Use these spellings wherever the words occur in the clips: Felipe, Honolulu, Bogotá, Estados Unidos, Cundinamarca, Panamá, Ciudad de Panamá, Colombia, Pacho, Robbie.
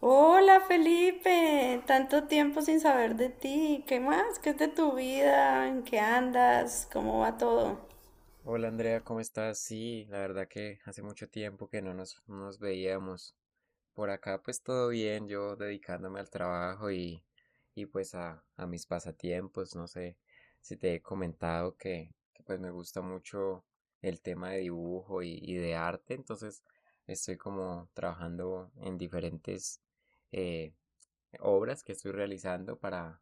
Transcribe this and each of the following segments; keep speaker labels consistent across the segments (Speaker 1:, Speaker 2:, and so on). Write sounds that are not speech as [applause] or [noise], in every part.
Speaker 1: Hola Felipe, tanto tiempo sin saber de ti. ¿Qué más? ¿Qué es de tu vida? ¿En qué andas? ¿Cómo va todo?
Speaker 2: Hola Andrea, ¿cómo estás? Sí, la verdad que hace mucho tiempo que no nos veíamos. Por acá pues todo bien, yo dedicándome al trabajo y pues a mis pasatiempos. No sé si te he comentado pues me gusta mucho el tema de dibujo y de arte, entonces estoy como trabajando en diferentes eh, obras que estoy realizando para,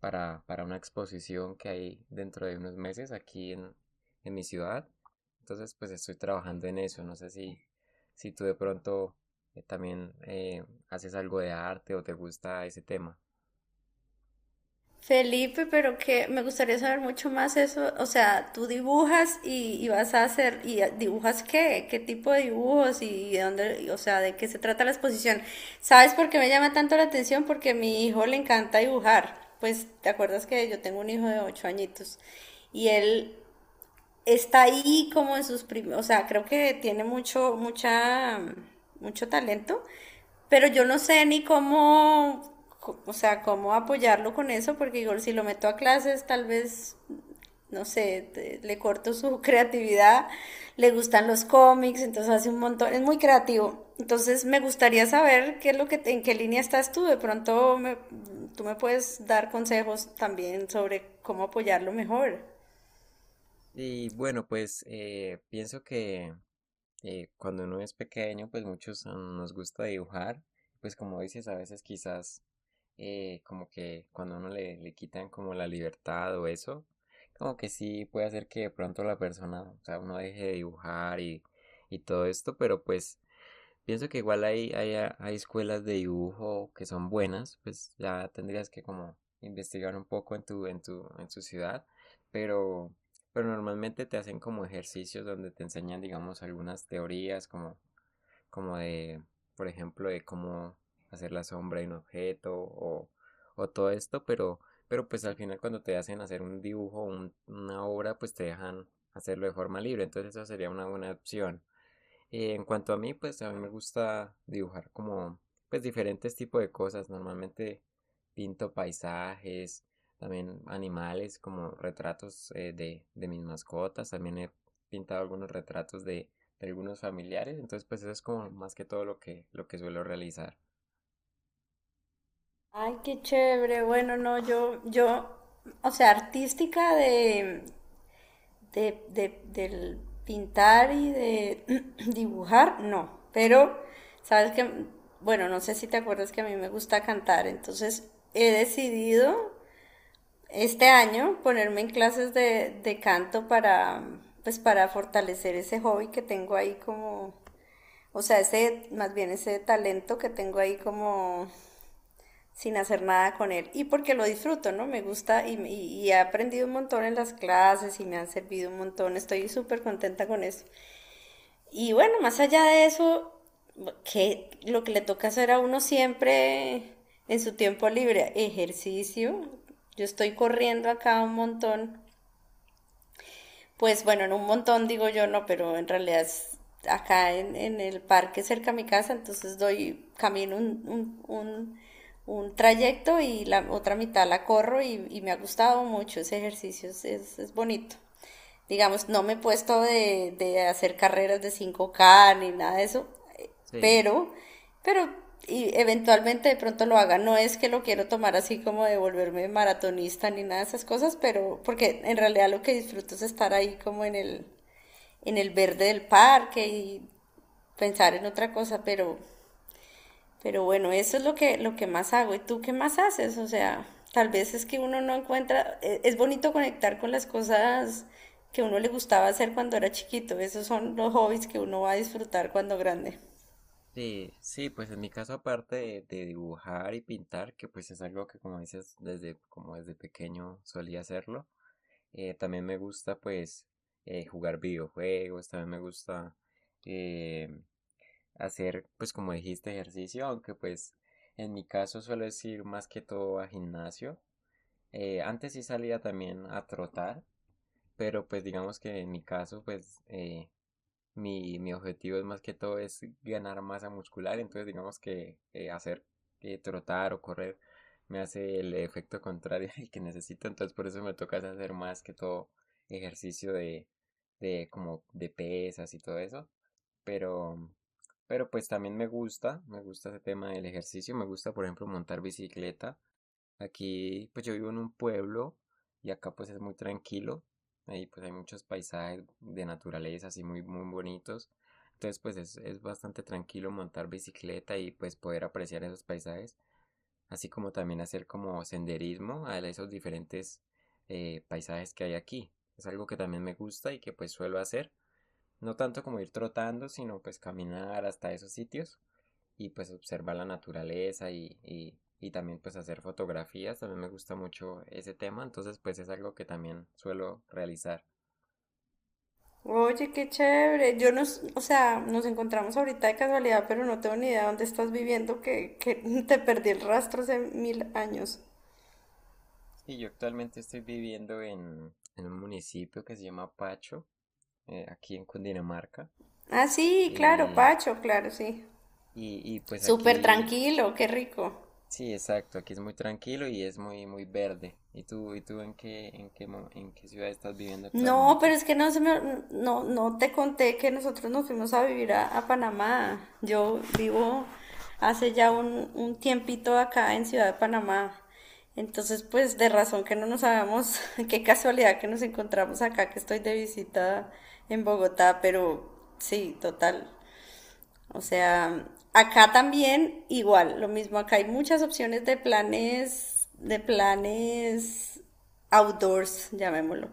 Speaker 2: para, para una exposición que hay dentro de unos meses aquí en mi ciudad. Entonces, pues estoy trabajando en eso. No sé si tú de pronto también haces algo de arte o te gusta ese tema.
Speaker 1: Felipe, pero que me gustaría saber mucho más eso. O sea, tú dibujas y vas a hacer, y dibujas qué, qué tipo de dibujos y de dónde, y, o sea, de qué se trata la exposición. ¿Sabes por qué me llama tanto la atención? Porque a mi hijo le encanta dibujar. Pues, ¿te acuerdas que yo tengo un hijo de 8 añitos? Y él está ahí como en sus primeros, o sea, creo que tiene mucho, mucha, mucho talento, pero yo no sé ni cómo, o sea, cómo apoyarlo con eso, porque igual si lo meto a clases, tal vez, no sé, le corto su [laughs] creatividad, le gustan los cómics, entonces hace un montón, es muy creativo. Entonces me gustaría saber qué es lo que, en qué línea estás tú, de pronto tú me puedes dar consejos también sobre cómo apoyarlo mejor.
Speaker 2: Y bueno, pues pienso que cuando uno es pequeño, pues muchos nos gusta dibujar. Pues como dices, a veces quizás como que cuando uno le quitan como la libertad o eso, como que sí puede hacer que de pronto la persona, o sea, uno deje de dibujar y todo esto, pero pues pienso que igual hay escuelas de dibujo que son buenas, pues ya tendrías que como investigar un poco en en tu ciudad, pero, pero normalmente te hacen como ejercicios donde te enseñan, digamos, algunas teorías como de, por ejemplo, de cómo hacer la sombra de un objeto o todo esto, pero pues al final cuando te hacen hacer un dibujo, una obra, pues te dejan hacerlo de forma libre, entonces eso sería una buena opción. Y en cuanto a mí, pues a mí me gusta dibujar como pues diferentes tipos de cosas. Normalmente pinto paisajes, también animales, como retratos de mis mascotas. También he pintado algunos retratos de algunos familiares. Entonces, pues eso es como más que todo lo que suelo realizar.
Speaker 1: Ay, qué chévere. Bueno, no, yo, o sea, artística de, del pintar y de [clears throat] dibujar, no. Pero, sabes que, bueno, no sé si te acuerdas que a mí me gusta cantar, entonces he decidido este año ponerme en clases de canto para, pues, para fortalecer ese hobby que tengo ahí como, o sea, ese, más bien ese talento que tengo ahí como sin hacer nada con él. Y porque lo disfruto, ¿no? Me gusta y he aprendido un montón en las clases y me han servido un montón. Estoy súper contenta con eso. Y bueno, más allá de eso, que lo que le toca hacer a uno siempre en su tiempo libre, ejercicio. Yo estoy corriendo acá un montón, pues bueno, en un montón digo yo no, pero en realidad es acá en el parque cerca a mi casa, entonces doy camino un trayecto y la otra mitad la corro y me ha gustado mucho ese ejercicio, es bonito. Digamos, no me he puesto de hacer carreras de 5K ni nada de eso,
Speaker 2: Sí,
Speaker 1: pero, pero y eventualmente de pronto lo haga. No es que lo quiero tomar así como de volverme maratonista ni nada de esas cosas, pero porque en realidad lo que disfruto es estar ahí como en el verde del parque y pensar en otra cosa, pero bueno, eso es lo que más hago. ¿Y tú qué más haces? O sea, tal vez es que uno no encuentra, es bonito conectar con las cosas que uno le gustaba hacer cuando era chiquito. Esos son los hobbies que uno va a disfrutar cuando grande.
Speaker 2: sí, sí, pues en mi caso, aparte de dibujar y pintar, que pues es algo que como dices, desde, como desde pequeño solía hacerlo. También me gusta pues jugar videojuegos, también me gusta eh, hacer pues como dijiste ejercicio, aunque pues en mi caso suelo ir más que todo a gimnasio. Antes sí salía también a trotar, pero pues digamos que en mi caso pues mi objetivo es más que todo es ganar masa muscular, entonces digamos que hacer trotar o correr me hace el efecto contrario [laughs] al que necesito, entonces por eso me toca hacer más que todo ejercicio de como de pesas y todo eso, pero, pero pues también me gusta ese tema del ejercicio, me gusta por ejemplo montar bicicleta. Aquí, pues yo vivo en un pueblo y acá pues es muy tranquilo. Ahí pues hay muchos paisajes de naturaleza así muy, muy bonitos. Entonces pues es bastante tranquilo montar bicicleta y pues poder apreciar esos paisajes. Así como también hacer como senderismo a esos diferentes paisajes que hay aquí. Es algo que también me gusta y que pues suelo hacer. No tanto como ir trotando, sino pues caminar hasta esos sitios y pues observar la naturaleza y también pues hacer fotografías, también me gusta mucho ese tema, entonces pues es algo que también suelo realizar.
Speaker 1: Oye, qué chévere. Yo nos, o sea, nos encontramos ahorita de casualidad, pero no tengo ni idea dónde estás viviendo, que [laughs] te perdí el rastro hace mil años.
Speaker 2: Sí, yo actualmente estoy viviendo en un municipio que se llama Pacho, aquí en Cundinamarca,
Speaker 1: Ah, sí, claro,
Speaker 2: y,
Speaker 1: Pacho, claro, sí.
Speaker 2: y pues
Speaker 1: Súper
Speaker 2: aquí,
Speaker 1: tranquilo, qué rico.
Speaker 2: sí, exacto, aquí es muy tranquilo y es muy, muy verde. ¿Y tú en qué, en qué ciudad estás viviendo
Speaker 1: No, pero
Speaker 2: actualmente?
Speaker 1: es que no se me, no, no te conté que nosotros nos fuimos a vivir a Panamá. Yo vivo hace ya un tiempito acá en Ciudad de Panamá. Entonces, pues de razón que no nos sabemos, [laughs] qué casualidad que nos encontramos acá, que estoy de visita en Bogotá, pero sí, total. O sea, acá también igual, lo mismo, acá hay muchas opciones de planes outdoors, llamémoslo,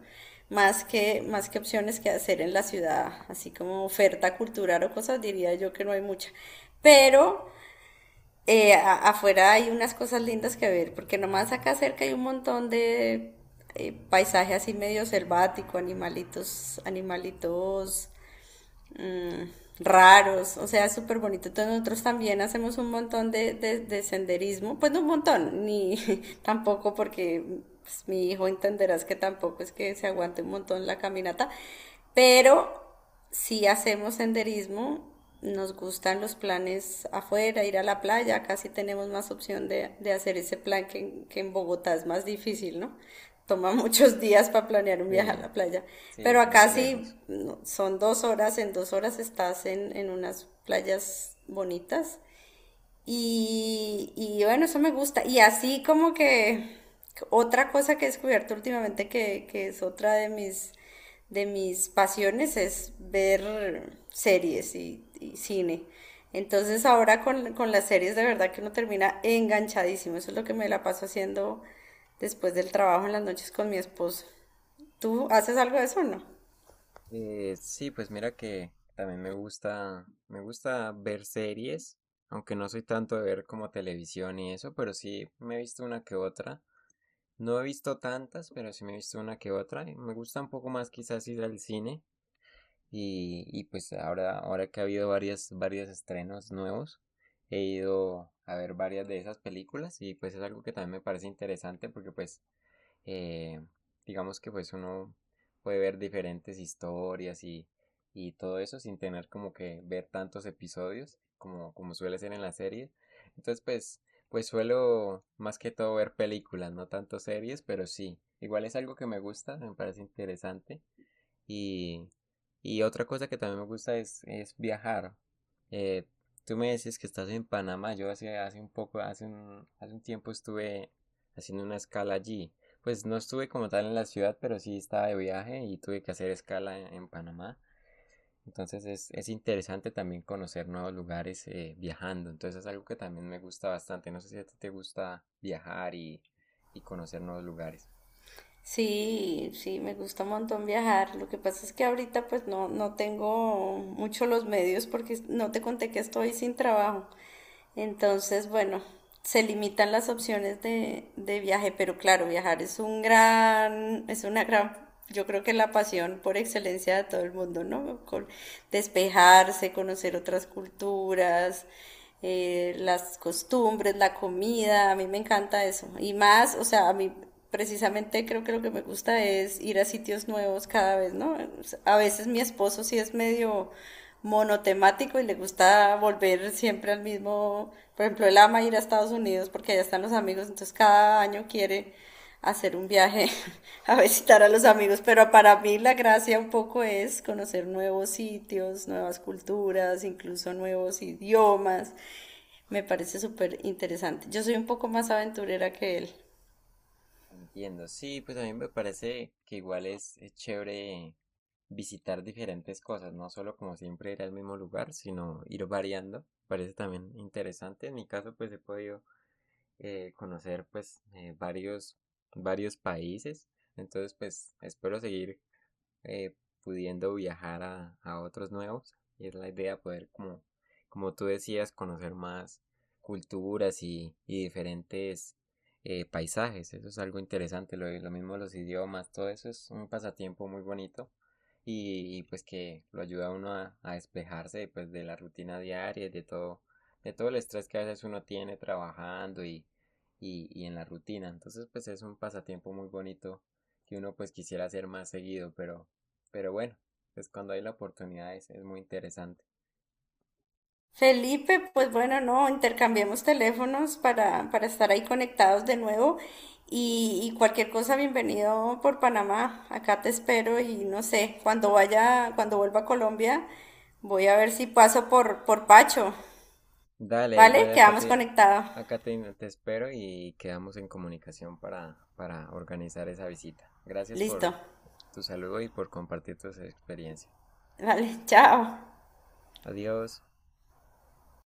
Speaker 1: más que opciones que hacer en la ciudad, así como oferta cultural o cosas, diría yo que no hay mucha. Pero afuera hay unas cosas lindas que ver, porque nomás acá cerca hay un montón de paisaje así medio selvático, animalitos, animalitos mm, raros, o sea, es súper bonito. Entonces nosotros también hacemos un montón de senderismo, pues no un montón, ni [laughs] tampoco porque pues, mi hijo entenderás que tampoco es que se aguante un montón la caminata, pero si hacemos senderismo, nos gustan los planes afuera, ir a la playa, casi tenemos más opción de hacer ese plan que, que en Bogotá es más difícil, ¿no? Toma muchos días para planear un viaje a
Speaker 2: Sí,
Speaker 1: la playa.
Speaker 2: sí,
Speaker 1: Pero
Speaker 2: es
Speaker 1: acá
Speaker 2: más lejos.
Speaker 1: sí no, son 2 horas, en 2 horas estás en unas playas bonitas y bueno, eso me gusta. Y así como que otra cosa que he descubierto últimamente que es otra de mis pasiones es ver series y cine. Entonces ahora con las series de verdad que uno termina enganchadísimo. Eso es lo que me la paso haciendo después del trabajo en las noches con mi esposo. ¿Tú haces algo de eso o no?
Speaker 2: Sí, pues mira que también me gusta ver series, aunque no soy tanto de ver como televisión y eso, pero sí me he visto una que otra. No he visto tantas, pero sí me he visto una que otra. Y Me gusta un poco más quizás ir al cine y pues ahora que ha habido varios estrenos nuevos, he ido a ver varias de esas películas y pues es algo que también me parece interesante porque pues eh, digamos que pues uno puede ver diferentes historias y todo eso sin tener como que ver tantos episodios como, como suele ser en la serie. Entonces pues, pues suelo más que todo ver películas, no tanto series, pero sí. Igual es algo que me gusta, me parece interesante y, y otra cosa que también me gusta es viajar. Eh, Tú me decías que estás en Panamá. Yo hace un poco, hace un tiempo estuve haciendo una escala allí. Pues no estuve como tal en la ciudad, pero sí estaba de viaje y tuve que hacer escala en Panamá. Entonces es interesante también conocer nuevos lugares viajando. Entonces es algo que también me gusta bastante. No sé si a ti te gusta viajar y conocer nuevos lugares.
Speaker 1: Sí, sí, me gusta un montón viajar. Lo que pasa es que ahorita pues no, no tengo mucho los medios porque no te conté que estoy sin trabajo. Entonces, bueno, se limitan las opciones de viaje, pero claro, viajar es un gran, es una gran, yo creo que la pasión por excelencia de todo el mundo, ¿no? Despejarse, conocer otras culturas, las costumbres, la comida, a mí me encanta eso. Y más, o sea, a mí precisamente creo que lo que me gusta es ir a sitios nuevos cada vez, ¿no? A veces mi esposo sí es medio monotemático y le gusta volver siempre al mismo, por ejemplo, él ama ir a Estados Unidos porque allá están los amigos, entonces cada año quiere hacer un viaje [laughs] a visitar a los amigos, pero para mí la gracia un poco es conocer nuevos sitios, nuevas culturas, incluso nuevos idiomas. Me parece súper interesante. Yo soy un poco más aventurera que él.
Speaker 2: Entiendo, sí, pues a mí me parece que igual es chévere visitar diferentes cosas, no solo como siempre ir al mismo lugar, sino ir variando, parece también interesante. En mi caso, pues he podido conocer pues varios países, entonces pues espero seguir eh, pudiendo viajar a otros nuevos. Y es la idea poder, como, como tú decías, conocer más culturas y diferentes paisajes. Eso es algo interesante. Lo mismo los idiomas, todo eso es un pasatiempo muy bonito. Y pues que lo ayuda a uno a despejarse pues, de la rutina diaria, de todo el estrés que a veces uno tiene trabajando y en la rutina. Entonces pues es un pasatiempo muy bonito que uno pues quisiera hacer más seguido, pero bueno, pues cuando hay la oportunidad es muy interesante.
Speaker 1: Felipe, pues bueno, no, intercambiemos teléfonos para estar ahí conectados de nuevo y cualquier cosa, bienvenido por Panamá. Acá te espero y no sé, cuando vaya, cuando vuelva a Colombia, voy a ver si paso por Pacho.
Speaker 2: Dale,
Speaker 1: ¿Vale?
Speaker 2: igual
Speaker 1: Quedamos conectados.
Speaker 2: acá te espero y quedamos en comunicación para organizar esa visita. Gracias
Speaker 1: Listo.
Speaker 2: por tu saludo y por compartir tus experiencias.
Speaker 1: Vale, [laughs] chao.
Speaker 2: Adiós.